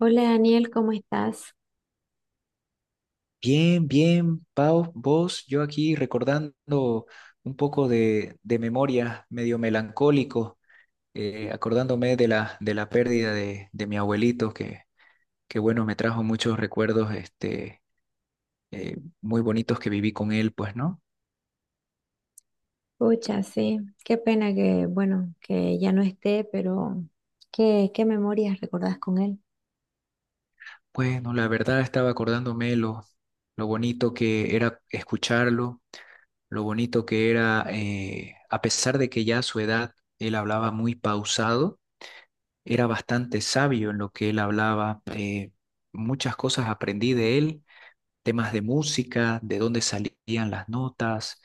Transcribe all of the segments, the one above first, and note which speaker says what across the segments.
Speaker 1: Hola Daniel, ¿cómo estás?
Speaker 2: Bien, bien, Pau, vos, yo aquí recordando un poco de memoria, medio melancólico, acordándome de la pérdida de mi abuelito, que bueno, me trajo muchos recuerdos este, muy bonitos que viví con él, pues, ¿no?
Speaker 1: Pucha, sí, qué pena que, bueno, que ya no esté, pero qué memorias recordás con él.
Speaker 2: Bueno, la verdad estaba acordándome lo bonito que era escucharlo, lo bonito que era, a pesar de que ya a su edad él hablaba muy pausado. Era bastante sabio en lo que él hablaba. Muchas cosas aprendí de él, temas de música, de dónde salían las notas,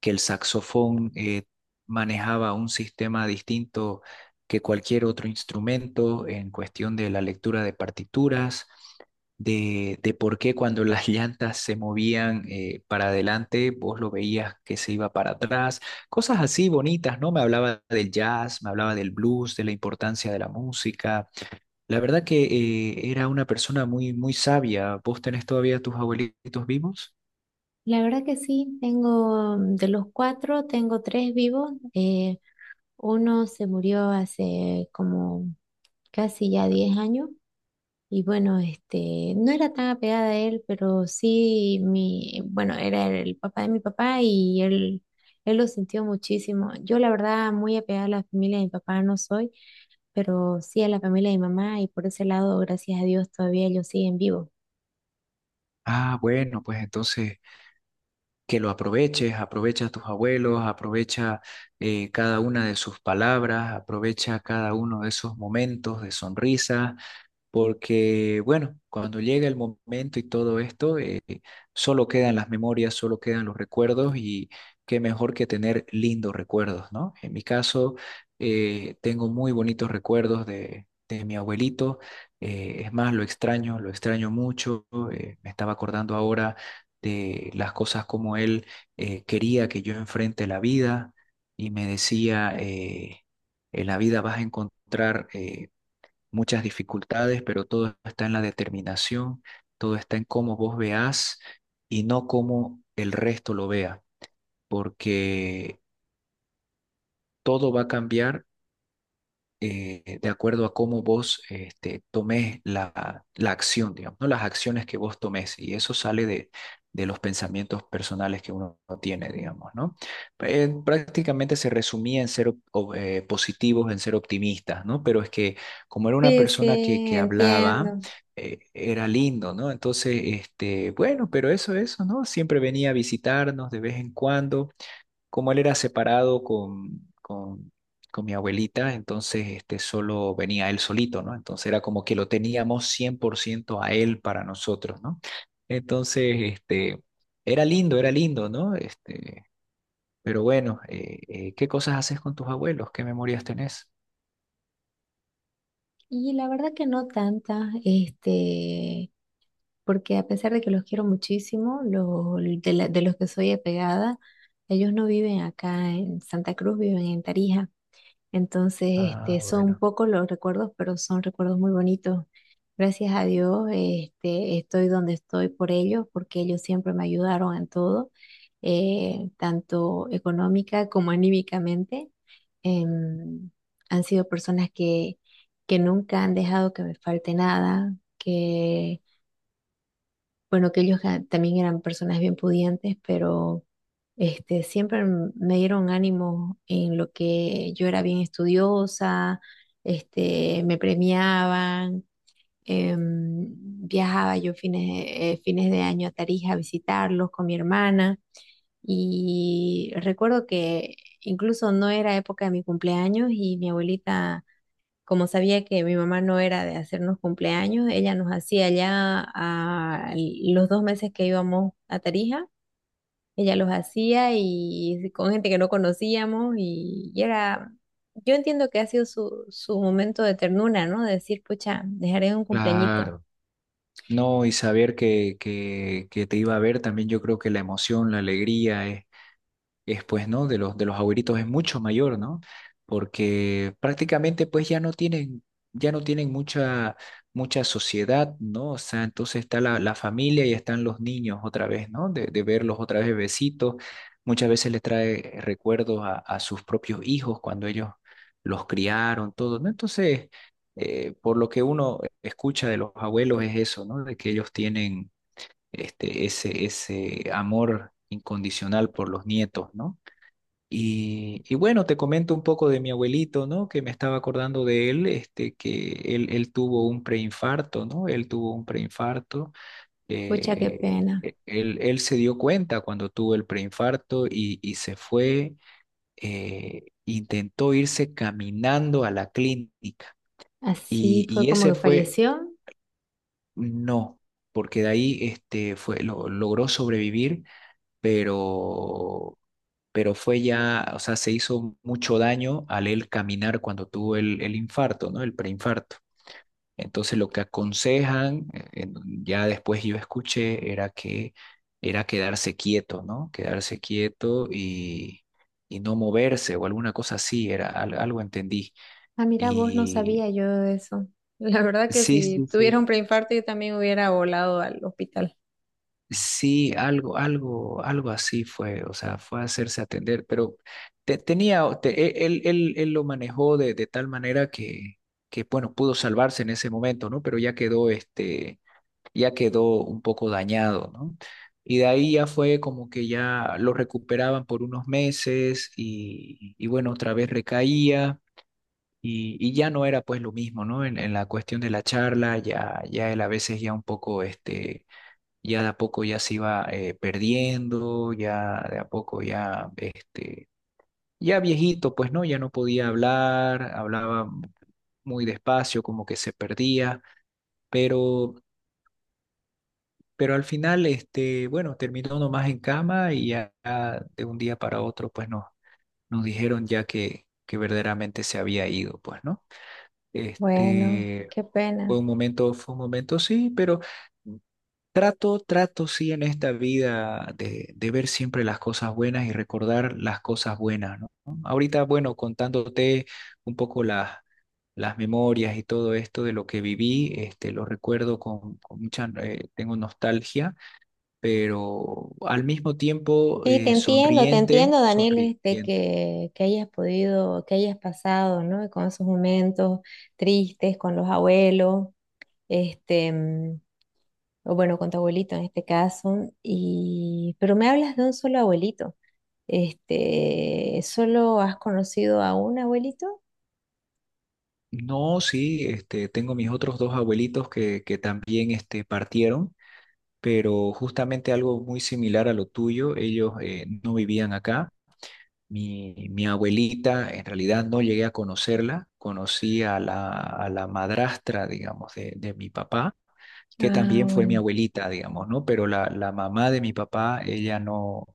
Speaker 2: que el saxofón manejaba un sistema distinto que cualquier otro instrumento en cuestión de la lectura de partituras, de por qué cuando las llantas se movían, para adelante, vos lo veías que se iba para atrás, cosas así bonitas, ¿no? Me hablaba del jazz, me hablaba del blues, de la importancia de la música. La verdad que era una persona muy, muy sabia. ¿Vos tenés todavía tus abuelitos vivos?
Speaker 1: La verdad que sí, tengo de los cuatro, tengo tres vivos. Uno se murió hace como casi ya 10 años y bueno, este, no era tan apegada a él, pero sí, bueno, era el papá de mi papá y él lo sintió muchísimo. Yo la verdad muy apegada a la familia de mi papá no soy, pero sí a la familia de mi mamá y por ese lado, gracias a Dios, todavía ellos siguen vivos.
Speaker 2: Ah, bueno, pues entonces que lo aproveches, aprovecha a tus abuelos, aprovecha, cada una de sus palabras, aprovecha cada uno de esos momentos de sonrisa, porque bueno, cuando llega el momento y todo esto, solo quedan las memorias, solo quedan los recuerdos y qué mejor que tener lindos recuerdos, ¿no? En mi caso, tengo muy bonitos recuerdos de mi abuelito, es más, lo extraño mucho, me estaba acordando ahora de las cosas como él quería que yo enfrente la vida y me decía en la vida vas a encontrar, muchas dificultades, pero todo está en la determinación, todo está en cómo vos veas y no cómo el resto lo vea, porque todo va a cambiar, de acuerdo a cómo vos este, tomes la acción, digamos, ¿no? Las acciones que vos tomes. Y eso sale de los pensamientos personales que uno tiene, digamos, ¿no? Prácticamente se resumía en ser positivos, en ser optimistas, ¿no? Pero es que como era una
Speaker 1: Sí,
Speaker 2: persona que,
Speaker 1: sí,
Speaker 2: que hablaba,
Speaker 1: entiendo.
Speaker 2: era lindo, ¿no? Entonces, este, bueno, pero eso, ¿no? Siempre venía a visitarnos de vez en cuando como él era separado con mi abuelita, entonces este, solo venía él solito, ¿no? Entonces era como que lo teníamos 100% a él para nosotros, ¿no? Entonces, este, era lindo, ¿no? Este, pero bueno, ¿qué cosas haces con tus abuelos? ¿Qué memorias tenés?
Speaker 1: Y la verdad que no tanta, este, porque a pesar de que los quiero muchísimo, de los que soy apegada, ellos no viven acá en Santa Cruz, viven en Tarija. Entonces,
Speaker 2: Ah,
Speaker 1: este, son
Speaker 2: bueno,
Speaker 1: pocos los recuerdos, pero son recuerdos muy bonitos. Gracias a Dios, este, estoy donde estoy por ellos, porque ellos siempre me ayudaron en todo, tanto económica como anímicamente. Em, han sido personas que nunca han dejado que me falte nada, que bueno, que ellos también eran personas bien pudientes, pero este, siempre me dieron ánimo en lo que yo era bien estudiosa, este, me premiaban, em, viajaba yo fines de año a Tarija a visitarlos con mi hermana. Y recuerdo que incluso no era época de mi cumpleaños y mi abuelita como sabía que mi mamá no era de hacernos cumpleaños, ella nos hacía ya a los 2 meses que íbamos a Tarija, ella los hacía y con gente que no conocíamos y era, yo entiendo que ha sido su momento de ternura, ¿no? De decir, pucha, dejaré un cumpleañito.
Speaker 2: claro. No, y saber que te iba a ver también, yo creo que la emoción, la alegría es pues, ¿no? De de los abuelitos es mucho mayor, ¿no? Porque prácticamente pues ya no tienen mucha, mucha sociedad, ¿no? O sea, entonces está la familia y están los niños otra vez, ¿no? De verlos otra vez bebecitos. Muchas veces les trae recuerdos a sus propios hijos cuando ellos los criaron, todo, ¿no? Entonces, por lo que uno escucha de los abuelos es eso, ¿no? De que ellos tienen este, ese amor incondicional por los nietos, ¿no? Y bueno, te comento un poco de mi abuelito, ¿no? Que me estaba acordando de él, este, que él tuvo un preinfarto, ¿no? Él tuvo un preinfarto.
Speaker 1: Pucha, qué pena.
Speaker 2: Él se dio cuenta cuando tuvo el preinfarto y se fue, intentó irse caminando a la clínica.
Speaker 1: Así fue
Speaker 2: Y
Speaker 1: como
Speaker 2: ese
Speaker 1: que
Speaker 2: fue,
Speaker 1: falleció.
Speaker 2: no, porque de ahí este, fue, lo, logró sobrevivir, pero pero fue ya, o sea, se hizo mucho daño al él caminar cuando tuvo el infarto, ¿no? El preinfarto. Entonces lo que aconsejan, ya después yo escuché, era que era quedarse quieto, ¿no? Quedarse quieto y no moverse o alguna cosa así, era algo entendí.
Speaker 1: Ah, mira, vos no
Speaker 2: Y
Speaker 1: sabía yo de eso. La verdad que
Speaker 2: sí,
Speaker 1: si
Speaker 2: sí,
Speaker 1: tuviera
Speaker 2: sí.
Speaker 1: un preinfarto yo también hubiera volado al hospital.
Speaker 2: Sí, algo, algo, algo así fue, o sea, fue a hacerse atender, pero te- tenía, o- te- e, él lo manejó de tal manera que, bueno, pudo salvarse en ese momento, ¿no? Pero ya quedó, este, ya quedó un poco dañado, ¿no? Y de ahí ya fue como que ya lo recuperaban por unos meses y bueno, otra vez recaía. Y ya no era pues lo mismo, ¿no? En la cuestión de la charla, ya, ya él a veces ya un poco, este, ya de a poco ya se iba, perdiendo, ya de a poco ya, este, ya viejito, pues no, ya no podía hablar, hablaba muy despacio, como que se perdía, pero, pero al final, este, bueno, terminó nomás en cama y ya ya de un día para otro, pues no, nos dijeron ya que verdaderamente se había ido, pues no.
Speaker 1: Bueno,
Speaker 2: Este,
Speaker 1: qué pena.
Speaker 2: fue un momento, sí, pero... Trato, trato, sí, en esta vida de ver siempre las cosas buenas y recordar las cosas buenas, ¿no? Ahorita, bueno, contándote un poco las memorias y todo esto de lo que viví, este, lo recuerdo con mucha, tengo nostalgia, pero al mismo tiempo,
Speaker 1: Sí, te
Speaker 2: sonriente,
Speaker 1: entiendo, Daniel, este,
Speaker 2: sonriente.
Speaker 1: que hayas podido, que hayas pasado, ¿no? Con esos momentos tristes, con los abuelos, este, o bueno, con tu abuelito en este caso, y, pero me hablas de un solo abuelito. Este, ¿solo has conocido a un abuelito?
Speaker 2: No, sí, este, tengo mis otros dos abuelitos que también este, partieron. Pero justamente algo muy similar a lo tuyo, ellos, no vivían acá. Mi abuelita, en realidad no llegué a conocerla, conocí a a la madrastra, digamos, de mi papá, que
Speaker 1: Ah,
Speaker 2: también fue mi
Speaker 1: bueno.
Speaker 2: abuelita, digamos, ¿no? Pero la mamá de mi papá, ella no,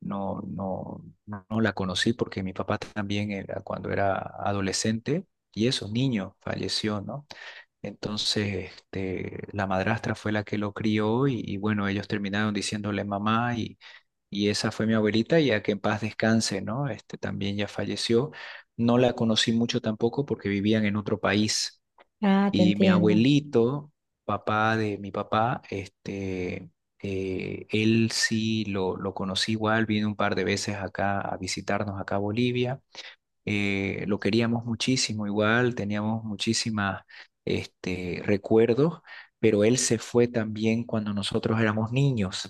Speaker 2: no, no, no la conocí porque mi papá también era cuando era adolescente y eso, niño, falleció, ¿no? Entonces, este, la madrastra fue la que lo crió y bueno, ellos terminaron diciéndole mamá y esa fue mi abuelita, y a que en paz descanse, ¿no? Este, también ya falleció. No la conocí mucho tampoco porque vivían en otro país.
Speaker 1: Ah, te
Speaker 2: Y mi
Speaker 1: entiendo.
Speaker 2: abuelito, papá de mi papá, este, él sí lo conocí igual, vino un par de veces acá a visitarnos acá a Bolivia, lo queríamos muchísimo igual, teníamos muchísimas este, recuerdos, pero él se fue también cuando nosotros éramos niños.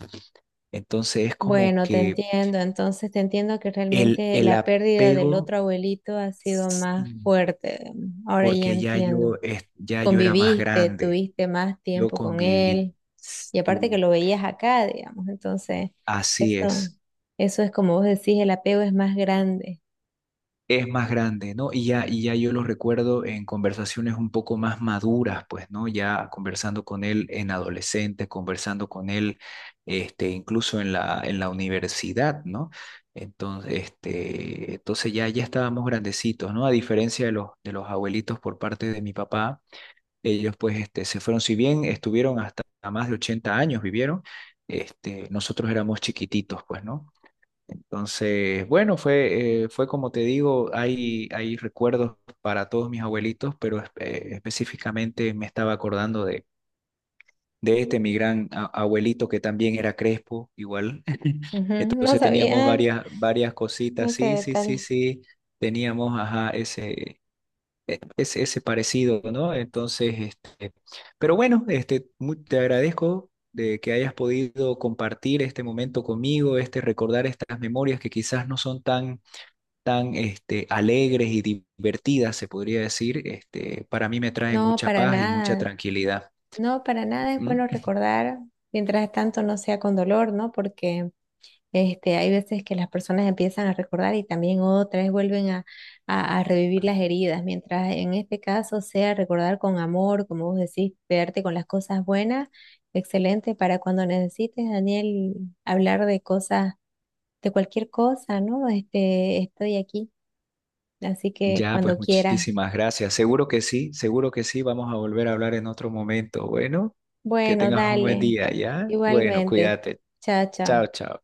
Speaker 2: Entonces es como
Speaker 1: Bueno, te
Speaker 2: que
Speaker 1: entiendo. Entonces te entiendo que realmente
Speaker 2: el
Speaker 1: la pérdida del
Speaker 2: apego,
Speaker 1: otro abuelito ha sido más
Speaker 2: mm,
Speaker 1: fuerte. Ahora ya
Speaker 2: porque ya
Speaker 1: entiendo.
Speaker 2: yo, ya yo era más
Speaker 1: Conviviste,
Speaker 2: grande,
Speaker 1: tuviste más
Speaker 2: yo
Speaker 1: tiempo con
Speaker 2: conviví.
Speaker 1: él, y aparte que
Speaker 2: Sí,
Speaker 1: lo veías acá, digamos, entonces,
Speaker 2: así
Speaker 1: eso,
Speaker 2: es.
Speaker 1: eso es como vos decís, el apego es más grande.
Speaker 2: Es más grande, ¿no? Y ya yo lo recuerdo en conversaciones un poco más maduras, pues, ¿no? Ya conversando con él en adolescente, conversando con él, este, incluso en en la universidad, ¿no? Entonces, este, entonces ya, ya estábamos grandecitos, ¿no? A diferencia de de los abuelitos por parte de mi papá, ellos pues este, se fueron, si bien estuvieron hasta más de 80 años, vivieron, este, nosotros éramos chiquititos, pues, ¿no? Entonces, bueno, fue, fue como te digo, hay recuerdos para todos mis abuelitos, pero específicamente me estaba acordando de este, mi gran abuelito que también era crespo, igual.
Speaker 1: Ujú, no
Speaker 2: Entonces teníamos
Speaker 1: sabía
Speaker 2: varias, varias cositas,
Speaker 1: ese
Speaker 2: sí, sí, sí,
Speaker 1: detalle.
Speaker 2: sí, teníamos, ajá, ese, ese, ese parecido, ¿no? Entonces, este, pero bueno, este, te agradezco de que hayas podido compartir este momento conmigo, este recordar estas memorias que quizás no son tan tan este, alegres y divertidas, se podría decir, este, para mí me traen
Speaker 1: No,
Speaker 2: mucha
Speaker 1: para
Speaker 2: paz y mucha
Speaker 1: nada.
Speaker 2: tranquilidad.
Speaker 1: No, para nada es
Speaker 2: ¿Mm?
Speaker 1: bueno recordar, mientras tanto no sea con dolor, ¿no? Porque este, hay veces que las personas empiezan a recordar y también otras vuelven a, a revivir las heridas, mientras en este caso sea recordar con amor, como vos decís, quedarte con las cosas buenas. Excelente para cuando necesites, Daniel, hablar de cosas, de cualquier cosa, ¿no? Este, estoy aquí, así que
Speaker 2: Ya, pues
Speaker 1: cuando quieras.
Speaker 2: muchísimas gracias. Seguro que sí, seguro que sí. Vamos a volver a hablar en otro momento. Bueno, que
Speaker 1: Bueno,
Speaker 2: tengas un buen
Speaker 1: dale,
Speaker 2: día, ¿ya? Bueno,
Speaker 1: igualmente.
Speaker 2: cuídate.
Speaker 1: Chao,
Speaker 2: Chao,
Speaker 1: chao.
Speaker 2: chao.